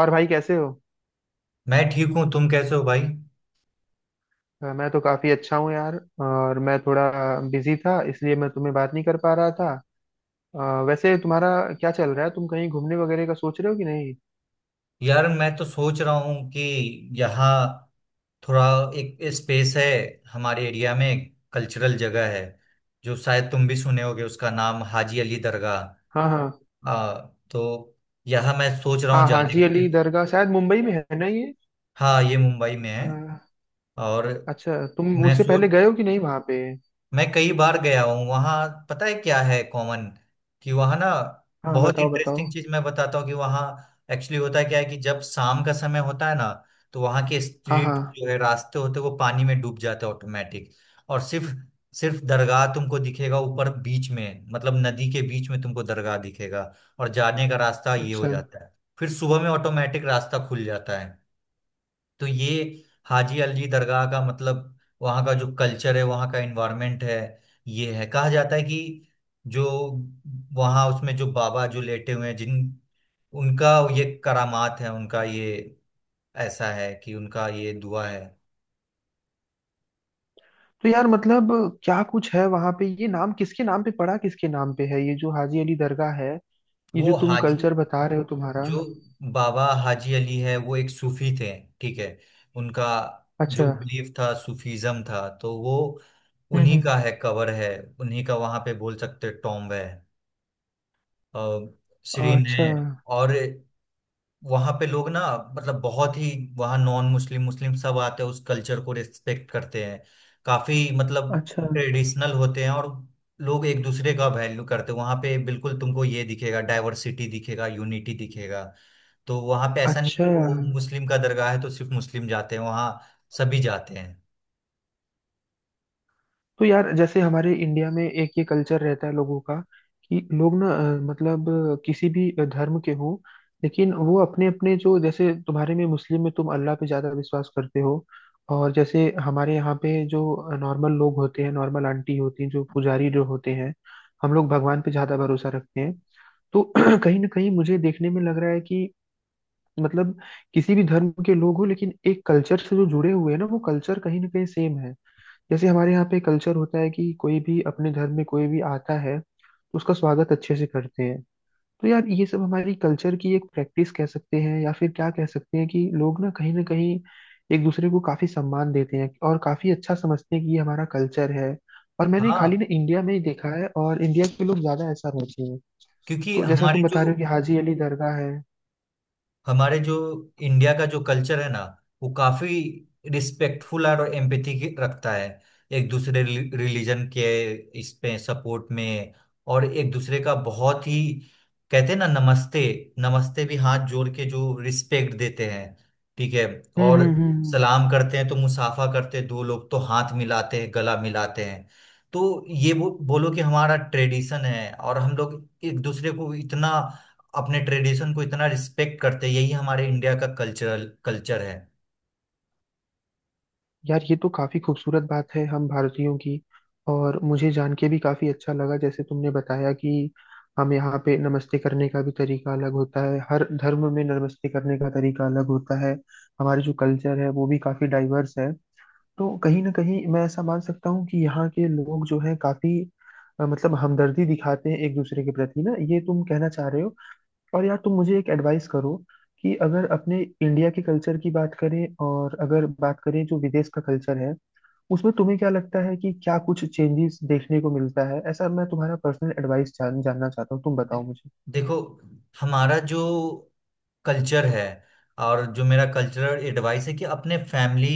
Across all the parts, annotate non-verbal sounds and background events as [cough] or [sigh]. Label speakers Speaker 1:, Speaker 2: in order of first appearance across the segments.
Speaker 1: और भाई कैसे हो?
Speaker 2: मैं ठीक हूँ। तुम कैसे हो भाई?
Speaker 1: मैं तो काफी अच्छा हूँ यार। और मैं थोड़ा बिजी था, इसलिए मैं तुम्हें बात नहीं कर पा रहा था। वैसे तुम्हारा क्या चल रहा है? तुम कहीं घूमने वगैरह का सोच रहे हो कि नहीं?
Speaker 2: यार, मैं तो सोच रहा हूँ कि यहाँ थोड़ा एक स्पेस है। हमारे एरिया में कल्चरल जगह है जो शायद तुम भी सुने होगे, उसका नाम हाजी अली दरगाह।
Speaker 1: हाँ, हाँ।
Speaker 2: आ, तो यहाँ मैं सोच रहा हूँ
Speaker 1: हाँ,
Speaker 2: जाने
Speaker 1: हाजी
Speaker 2: का
Speaker 1: अली
Speaker 2: कि
Speaker 1: दरगाह शायद मुंबई में है ना ये?
Speaker 2: हाँ, ये मुंबई में
Speaker 1: अ,
Speaker 2: है। और
Speaker 1: अच्छा, तुम
Speaker 2: मैं
Speaker 1: उससे पहले
Speaker 2: सोच
Speaker 1: गए हो कि नहीं वहाँ पे?
Speaker 2: मैं कई बार गया हूँ वहाँ। पता है क्या है कॉमन, कि वहाँ ना
Speaker 1: हाँ,
Speaker 2: बहुत
Speaker 1: बताओ बताओ।
Speaker 2: इंटरेस्टिंग चीज मैं बताता हूँ कि वहाँ एक्चुअली होता क्या है कि जब शाम का समय होता है ना, तो वहाँ के
Speaker 1: हाँ, हाँ।
Speaker 2: स्ट्रीट जो है, रास्ते होते हैं, वो पानी में डूब जाते हैं ऑटोमेटिक। और सिर्फ सिर्फ दरगाह तुमको दिखेगा ऊपर, बीच में, मतलब नदी के बीच में तुमको दरगाह दिखेगा, और जाने का रास्ता ये हो
Speaker 1: अच्छा।
Speaker 2: जाता है। फिर सुबह में ऑटोमेटिक रास्ता खुल जाता है। तो ये हाजी अलजी दरगाह का मतलब, वहाँ का जो कल्चर है, वहाँ का एनवायरनमेंट है, ये है। कहा जाता है कि जो वहाँ उसमें जो बाबा जो लेटे हुए हैं जिन, उनका ये करामात है, उनका ये ऐसा है कि उनका ये दुआ है।
Speaker 1: तो यार मतलब क्या कुछ है वहाँ पे? ये नाम किसके नाम पे पड़ा, किसके नाम पे है ये जो हाजी अली दरगाह है? ये जो
Speaker 2: वो
Speaker 1: तुम
Speaker 2: हाजी
Speaker 1: कल्चर बता रहे हो तुम्हारा।
Speaker 2: जो बाबा हाजी अली है, वो एक सूफी थे। ठीक है। उनका जो
Speaker 1: अच्छा।
Speaker 2: बिलीफ था, सूफीज्म था, तो वो
Speaker 1: हम्म,
Speaker 2: उन्हीं
Speaker 1: हम्म।
Speaker 2: का है, कवर है, उन्हीं का वहां पे बोल सकते टॉम्ब है, सीरीन
Speaker 1: अच्छा,
Speaker 2: है। और वहां पे लोग ना मतलब बहुत ही, वहाँ नॉन मुस्लिम मुस्लिम सब आते हैं, उस कल्चर को रिस्पेक्ट करते हैं, काफी मतलब
Speaker 1: अच्छा,
Speaker 2: ट्रेडिशनल होते हैं। और लोग एक दूसरे का वैल्यू करते हैं। वहां पे बिल्कुल तुमको ये दिखेगा, डाइवर्सिटी दिखेगा, यूनिटी दिखेगा। तो वहां पे ऐसा नहीं
Speaker 1: अच्छा।
Speaker 2: कि वो मुस्लिम का दरगाह है तो सिर्फ मुस्लिम जाते हैं वहाँ, सभी जाते हैं।
Speaker 1: तो यार जैसे हमारे इंडिया में एक ये कल्चर रहता है लोगों का, कि लोग ना मतलब किसी भी धर्म के हों, लेकिन वो अपने अपने जो जैसे तुम्हारे में मुस्लिम में तुम अल्लाह पे ज्यादा विश्वास करते हो। और जैसे हमारे यहाँ पे जो नॉर्मल लोग होते हैं, नॉर्मल आंटी होती हैं, जो पुजारी जो होते हैं, हम लोग भगवान पे ज्यादा भरोसा रखते हैं। तो [clears throat] कहीं ना कहीं मुझे देखने में लग रहा है कि मतलब किसी भी धर्म के लोग हो, लेकिन एक कल्चर से जो जुड़े हुए हैं ना वो कल्चर कहीं ना कहीं सेम है। जैसे हमारे यहाँ पे कल्चर होता है कि कोई भी अपने धर्म में कोई भी आता है तो उसका स्वागत अच्छे से करते हैं। तो यार ये सब हमारी कल्चर की एक प्रैक्टिस कह सकते हैं, या फिर क्या कह सकते हैं, कि लोग ना कहीं एक दूसरे को काफी सम्मान देते हैं और काफी अच्छा समझते हैं कि ये हमारा कल्चर है। और मैंने खाली
Speaker 2: हाँ,
Speaker 1: ना इंडिया में ही देखा है और इंडिया के लोग ज्यादा ऐसा रहते हैं।
Speaker 2: क्योंकि
Speaker 1: तो जैसा तुम
Speaker 2: हमारे जो
Speaker 1: बता रहे हो कि हाजी अली दरगाह है।
Speaker 2: हमारे जो इंडिया का जो कल्चर है ना, वो काफी रिस्पेक्टफुल और एम्पैथी रखता है एक दूसरे रिलीजन के, इस पे सपोर्ट में। और एक दूसरे का बहुत ही, कहते हैं ना, नमस्ते। नमस्ते भी हाथ जोड़ के जो रिस्पेक्ट देते हैं, ठीक है।
Speaker 1: हम्म,
Speaker 2: और
Speaker 1: हम्म, हम्म,
Speaker 2: सलाम करते हैं तो मुसाफा करते हैं, दो लोग तो हाथ मिलाते हैं, गला मिलाते हैं। तो ये बोलो कि हमारा ट्रेडिशन है, और हम लोग एक दूसरे को इतना, अपने ट्रेडिशन को इतना रिस्पेक्ट करते हैं, यही हमारे इंडिया का कल्चरल कल्चर है।
Speaker 1: यार ये तो काफी खूबसूरत बात है हम भारतीयों की, और मुझे जान के भी काफी अच्छा लगा जैसे तुमने बताया कि हम यहाँ पे नमस्ते करने का भी तरीका अलग होता है, हर धर्म में नमस्ते करने का तरीका अलग होता है। हमारे जो कल्चर है वो भी काफी डाइवर्स है। तो कहीं ना कहीं मैं ऐसा मान सकता हूँ कि यहाँ के लोग जो है काफी मतलब हमदर्दी दिखाते हैं एक दूसरे के प्रति ना, ये तुम कहना चाह रहे हो। और यार तुम मुझे एक एडवाइस करो कि अगर अपने इंडिया के कल्चर की बात करें और अगर बात करें जो विदेश का कल्चर है, उसमें तुम्हें क्या लगता है कि क्या कुछ चेंजेस देखने को मिलता है ऐसा? मैं तुम्हारा पर्सनल एडवाइस जानना चाहता हूँ, तुम बताओ
Speaker 2: दे-
Speaker 1: मुझे।
Speaker 2: देखो हमारा जो कल्चर है, और जो मेरा कल्चरल एडवाइस है कि अपने फैमिली,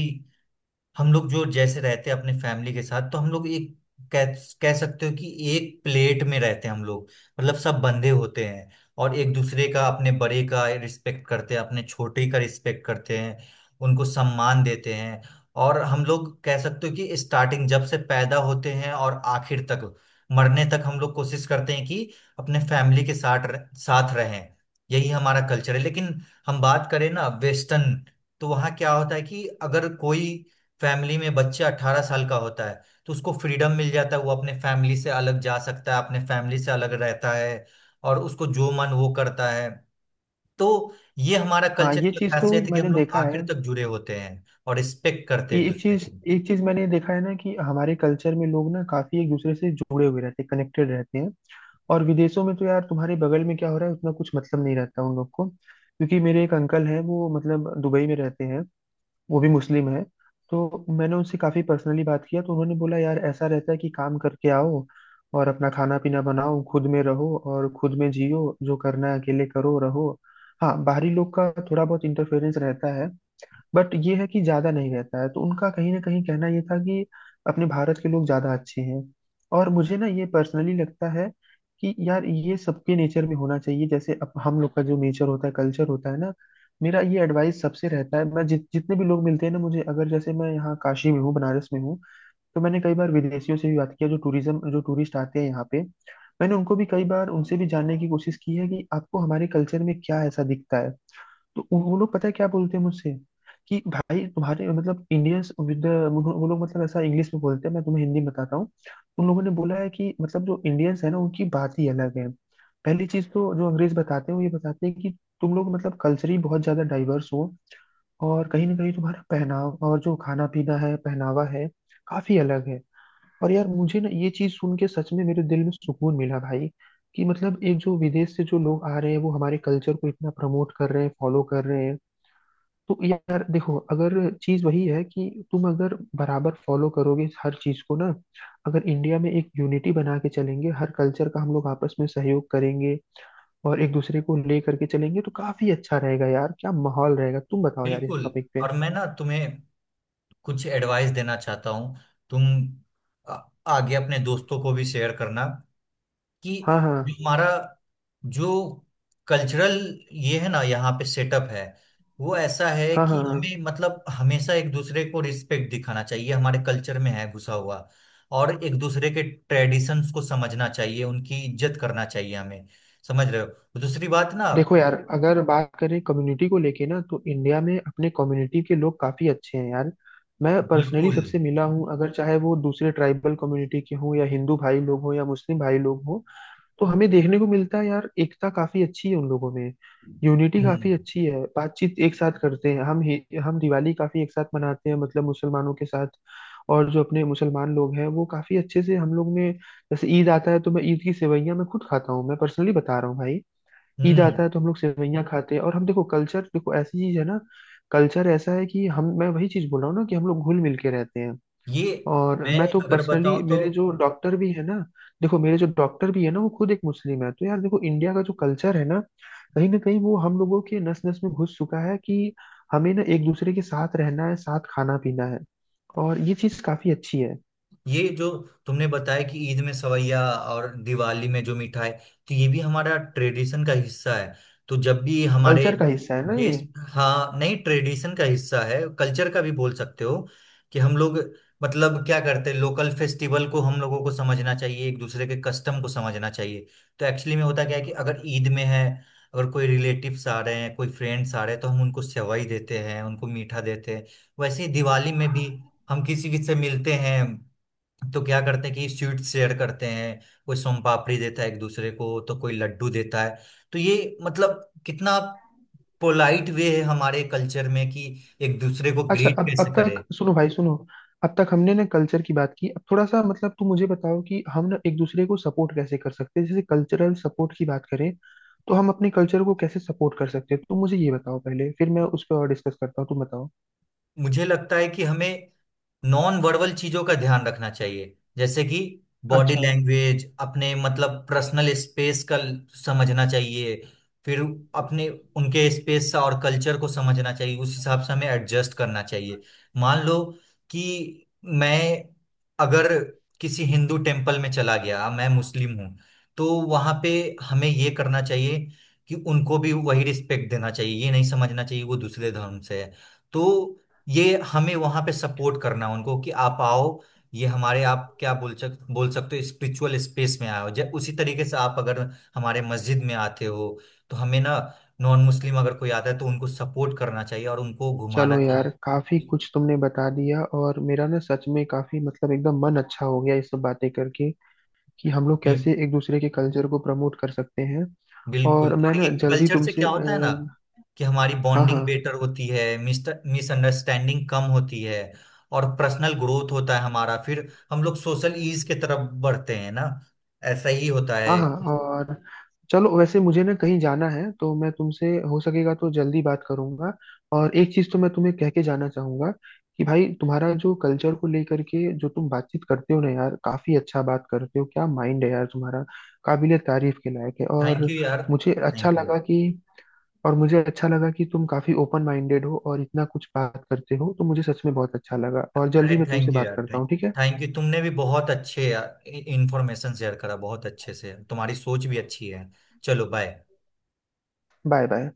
Speaker 2: हम लोग जो जैसे रहते हैं अपने फैमिली के साथ, तो हम लोग एक कह कह सकते हो कि एक प्लेट में रहते हैं हम लोग। मतलब सब बंधे होते हैं, और एक दूसरे का, अपने बड़े का रिस्पेक्ट करते हैं, अपने छोटे का रिस्पेक्ट करते हैं, उनको सम्मान देते हैं। और हम लोग कह सकते हो कि स्टार्टिंग, जब से पैदा होते हैं और आखिर तक, मरने तक हम लोग कोशिश करते हैं कि अपने फैमिली के साथ साथ रहें। यही हमारा कल्चर है। लेकिन हम बात करें ना वेस्टर्न, तो वहाँ क्या होता है कि अगर कोई फैमिली में बच्चा 18 साल का होता है, तो उसको फ्रीडम मिल जाता है, वो अपने फैमिली से अलग जा सकता है, अपने फैमिली से अलग रहता है, और उसको जो मन वो करता है। तो ये हमारा
Speaker 1: हाँ,
Speaker 2: कल्चर
Speaker 1: ये
Speaker 2: की
Speaker 1: चीज तो
Speaker 2: खासियत है कि हम
Speaker 1: मैंने
Speaker 2: लोग
Speaker 1: देखा
Speaker 2: आखिर
Speaker 1: है।
Speaker 2: तक जुड़े होते हैं और रिस्पेक्ट करते हैं
Speaker 1: ये
Speaker 2: एक
Speaker 1: एक
Speaker 2: दूसरे
Speaker 1: चीज
Speaker 2: की।
Speaker 1: एक चीज मैंने देखा है ना कि हमारे कल्चर में लोग ना काफी एक दूसरे से जुड़े हुए रहते हैं, कनेक्टेड रहते हैं। और विदेशों में तो यार तुम्हारे बगल में क्या हो रहा है उतना कुछ मतलब नहीं रहता उन लोग को, क्योंकि मेरे एक अंकल हैं वो मतलब दुबई में रहते हैं। वो भी मुस्लिम है। तो मैंने उनसे काफी पर्सनली बात किया, तो उन्होंने बोला यार ऐसा रहता है कि काम करके आओ और अपना खाना पीना बनाओ, खुद में रहो और खुद में जियो, जो करना है अकेले करो रहो। हाँ, बाहरी लोग का थोड़ा बहुत इंटरफेरेंस रहता है, बट ये है कि ज्यादा नहीं रहता है, तो उनका कहीं ना कहीं कहना ये था कि अपने भारत के लोग ज्यादा अच्छे हैं। और मुझे ना ये पर्सनली लगता है कि यार ये सबके नेचर में होना चाहिए, जैसे अब हम लोग का जो नेचर होता है कल्चर होता है ना। मेरा ये एडवाइस सबसे रहता है, मैं जितने भी लोग मिलते हैं ना मुझे, अगर जैसे मैं यहाँ काशी में हूँ, बनारस में हूँ। तो मैंने कई बार विदेशियों से भी बात किया जो टूरिज्म जो टूरिस्ट आते हैं यहाँ पे। मैंने उनको भी कई बार उनसे भी जानने की कोशिश की है कि आपको हमारे कल्चर में क्या ऐसा दिखता है? तो वो लोग पता है क्या बोलते हैं मुझसे? कि भाई तुम्हारे मतलब इंडियंस विद, वो लोग मतलब ऐसा इंग्लिश में बोलते हैं, मैं तुम्हें हिंदी में बताता हूँ। उन लोगों ने बोला है कि मतलब जो इंडियंस है ना उनकी बात ही अलग है। पहली चीज तो जो अंग्रेज बताते हैं वो ये बताते हैं कि तुम लोग मतलब कल्चरली बहुत ज्यादा डाइवर्स हो, और कहीं ना कहीं तुम्हारा पहनाव और जो खाना पीना है पहनावा है काफी अलग है। और यार मुझे ना ये चीज सुन के सच में मेरे दिल में सुकून मिला भाई, कि मतलब एक जो विदेश से जो लोग आ रहे हैं वो हमारे कल्चर को इतना प्रमोट कर रहे हैं, फॉलो कर रहे हैं। तो यार देखो, अगर चीज वही है कि तुम अगर बराबर फॉलो करोगे इस हर चीज को ना, अगर इंडिया में एक यूनिटी बना के चलेंगे, हर कल्चर का हम लोग आपस में सहयोग करेंगे और एक दूसरे को ले करके चलेंगे, तो काफी अच्छा रहेगा यार, क्या माहौल रहेगा! तुम बताओ यार इस
Speaker 2: बिल्कुल।
Speaker 1: टॉपिक पे।
Speaker 2: और मैं ना तुम्हें कुछ एडवाइस देना चाहता हूँ। तुम आ- आगे अपने दोस्तों को भी शेयर करना कि
Speaker 1: हाँ, हाँ,
Speaker 2: जो हमारा जो कल्चरल ये है ना, यहाँ पे सेटअप है, वो ऐसा है
Speaker 1: हाँ, हाँ,
Speaker 2: कि
Speaker 1: हाँ।
Speaker 2: हमें, मतलब, हमेशा एक दूसरे को रिस्पेक्ट दिखाना चाहिए, हमारे कल्चर में है घुसा हुआ। और एक दूसरे के ट्रेडिशंस को समझना चाहिए, उनकी इज्जत करना चाहिए हमें, समझ रहे हो? दूसरी बात ना,
Speaker 1: देखो यार, अगर बात करें कम्युनिटी को लेके ना, तो इंडिया में अपने कम्युनिटी के लोग काफी अच्छे हैं यार। मैं पर्सनली
Speaker 2: बिल्कुल।
Speaker 1: सबसे मिला हूँ, अगर चाहे वो दूसरे ट्राइबल कम्युनिटी के हों, या हिंदू भाई लोग हों, या मुस्लिम भाई लोग हों। तो हमें देखने को मिलता है यार, एकता काफी अच्छी है उन लोगों में। यूनिटी
Speaker 2: हम्म
Speaker 1: काफी अच्छी है, बातचीत एक साथ करते हैं, हम दिवाली काफी एक साथ मनाते हैं मतलब मुसलमानों के साथ। और जो अपने मुसलमान लोग हैं वो काफी अच्छे से हम लोग में। जैसे ईद आता है तो मैं ईद की सेवइयां मैं खुद खाता हूँ, मैं पर्सनली बता रहा हूँ भाई। ईद
Speaker 2: हम्म।
Speaker 1: आता है तो हम लोग सेवइयाँ खाते हैं, और हम देखो कल्चर देखो ऐसी चीज है ना। कल्चर ऐसा है कि हम, मैं वही चीज बोल रहा हूँ ना कि हम लोग घुल मिल के रहते हैं।
Speaker 2: ये,
Speaker 1: और मैं
Speaker 2: मैं
Speaker 1: तो
Speaker 2: अगर
Speaker 1: पर्सनली
Speaker 2: बताऊं तो,
Speaker 1: मेरे जो डॉक्टर भी है ना, देखो मेरे जो डॉक्टर भी है ना वो खुद एक मुस्लिम है, तो यार देखो इंडिया का जो कल्चर है ना, कहीं ना कहीं वो हम लोगों के नस नस में घुस चुका है कि हमें ना एक दूसरे के साथ रहना है, साथ खाना पीना है। और ये चीज काफी अच्छी है।
Speaker 2: ये जो तुमने बताया कि ईद में सवैया और दिवाली में जो मिठाई, तो ये भी हमारा ट्रेडिशन का हिस्सा है। तो जब भी हमारे
Speaker 1: कल्चर का हिस्सा है ना ये?
Speaker 2: देश, हाँ नहीं, ट्रेडिशन का हिस्सा है, कल्चर का भी बोल सकते हो कि हम लोग मतलब क्या करते हैं, लोकल फेस्टिवल को हम लोगों को समझना चाहिए, एक दूसरे के कस्टम को समझना चाहिए। तो एक्चुअली में होता क्या है कि अगर ईद में है, अगर कोई रिलेटिव्स आ रहे हैं, कोई फ्रेंड्स आ रहे हैं, तो हम उनको सेवई देते हैं, उनको मीठा देते हैं। वैसे ही दिवाली में भी हम किसी किसी से मिलते हैं, तो क्या करते हैं कि स्वीट्स शेयर करते हैं। कोई सोन पापड़ी देता है एक दूसरे को, तो कोई लड्डू देता है। तो ये मतलब कितना पोलाइट वे है हमारे कल्चर में कि एक दूसरे को
Speaker 1: अच्छा।
Speaker 2: ग्रीट
Speaker 1: अब
Speaker 2: कैसे
Speaker 1: अब
Speaker 2: करे।
Speaker 1: तक सुनो भाई, सुनो। अब तक हमने ना कल्चर की बात की, अब थोड़ा सा मतलब तुम मुझे बताओ कि हम ना एक दूसरे को सपोर्ट कैसे कर सकते हैं, जैसे कल्चरल सपोर्ट की बात करें, तो हम अपने कल्चर को कैसे सपोर्ट कर सकते हैं? तुम मुझे ये बताओ पहले, फिर मैं उस पर और डिस्कस करता हूँ, तुम बताओ।
Speaker 2: मुझे लगता है कि हमें नॉन वर्बल चीजों का ध्यान रखना चाहिए, जैसे कि बॉडी
Speaker 1: अच्छा।
Speaker 2: लैंग्वेज, अपने मतलब पर्सनल स्पेस का समझना चाहिए। फिर अपने, उनके स्पेस और कल्चर को समझना चाहिए, उस हिसाब से हमें एडजस्ट करना चाहिए। मान लो कि मैं अगर किसी हिंदू टेम्पल में चला गया, मैं मुस्लिम हूँ, तो वहां पे हमें ये करना चाहिए कि उनको भी वही रिस्पेक्ट देना चाहिए, ये नहीं समझना चाहिए वो दूसरे धर्म से है। तो ये हमें वहां पे सपोर्ट करना उनको कि आप आओ, ये हमारे, आप क्या बोल सक बोल सकते हो स्पिरिचुअल स्पेस में आओ। जब उसी तरीके से आप अगर हमारे मस्जिद में आते हो, तो हमें ना, नॉन मुस्लिम अगर कोई आता है, तो उनको सपोर्ट करना चाहिए और उनको घुमाना
Speaker 1: चलो यार,
Speaker 2: चाहिए।
Speaker 1: काफी कुछ तुमने बता दिया और मेरा ना सच में काफी मतलब एकदम मन अच्छा हो गया ये सब बातें करके, कि हम लोग
Speaker 2: बिल,
Speaker 1: कैसे एक दूसरे के कल्चर को प्रमोट कर सकते हैं।
Speaker 2: बिल्कुल
Speaker 1: और मैं
Speaker 2: और ये
Speaker 1: ना जल्दी
Speaker 2: कल्चर से
Speaker 1: तुमसे
Speaker 2: क्या होता है ना, कि हमारी
Speaker 1: हाँ,
Speaker 2: बॉन्डिंग
Speaker 1: हाँ,
Speaker 2: बेटर होती है, मिसअंडरस्टैंडिंग कम होती है। और पर्सनल ग्रोथ होता है हमारा, फिर हम लोग सोशल ईज की तरफ बढ़ते हैं ना, ऐसा ही होता
Speaker 1: हाँ,
Speaker 2: है।
Speaker 1: हाँ। और चलो, वैसे मुझे ना कहीं जाना है तो मैं तुमसे, हो सकेगा तो जल्दी बात करूंगा। और एक चीज तो मैं तुम्हें कह के जाना चाहूंगा कि भाई, तुम्हारा जो कल्चर को लेकर के जो तुम बातचीत करते हो ना यार, काफी अच्छा बात करते हो, क्या माइंड है यार तुम्हारा! काबिलियत तारीफ के लायक है,
Speaker 2: थैंक
Speaker 1: और
Speaker 2: यू यार।
Speaker 1: मुझे अच्छा
Speaker 2: थैंक यू
Speaker 1: लगा कि और मुझे अच्छा लगा कि तुम काफी ओपन माइंडेड हो और इतना कुछ बात करते हो, तो मुझे सच में बहुत अच्छा लगा, और
Speaker 2: अरे,
Speaker 1: जल्दी मैं तुमसे
Speaker 2: थैंक यू
Speaker 1: बात
Speaker 2: यार।
Speaker 1: करता
Speaker 2: थैंक
Speaker 1: हूँ, ठीक है?
Speaker 2: थैंक यू तुमने भी बहुत अच्छे इंफॉर्मेशन शेयर करा, बहुत अच्छे से। तुम्हारी सोच भी अच्छी है। चलो बाय।
Speaker 1: Bye, bye.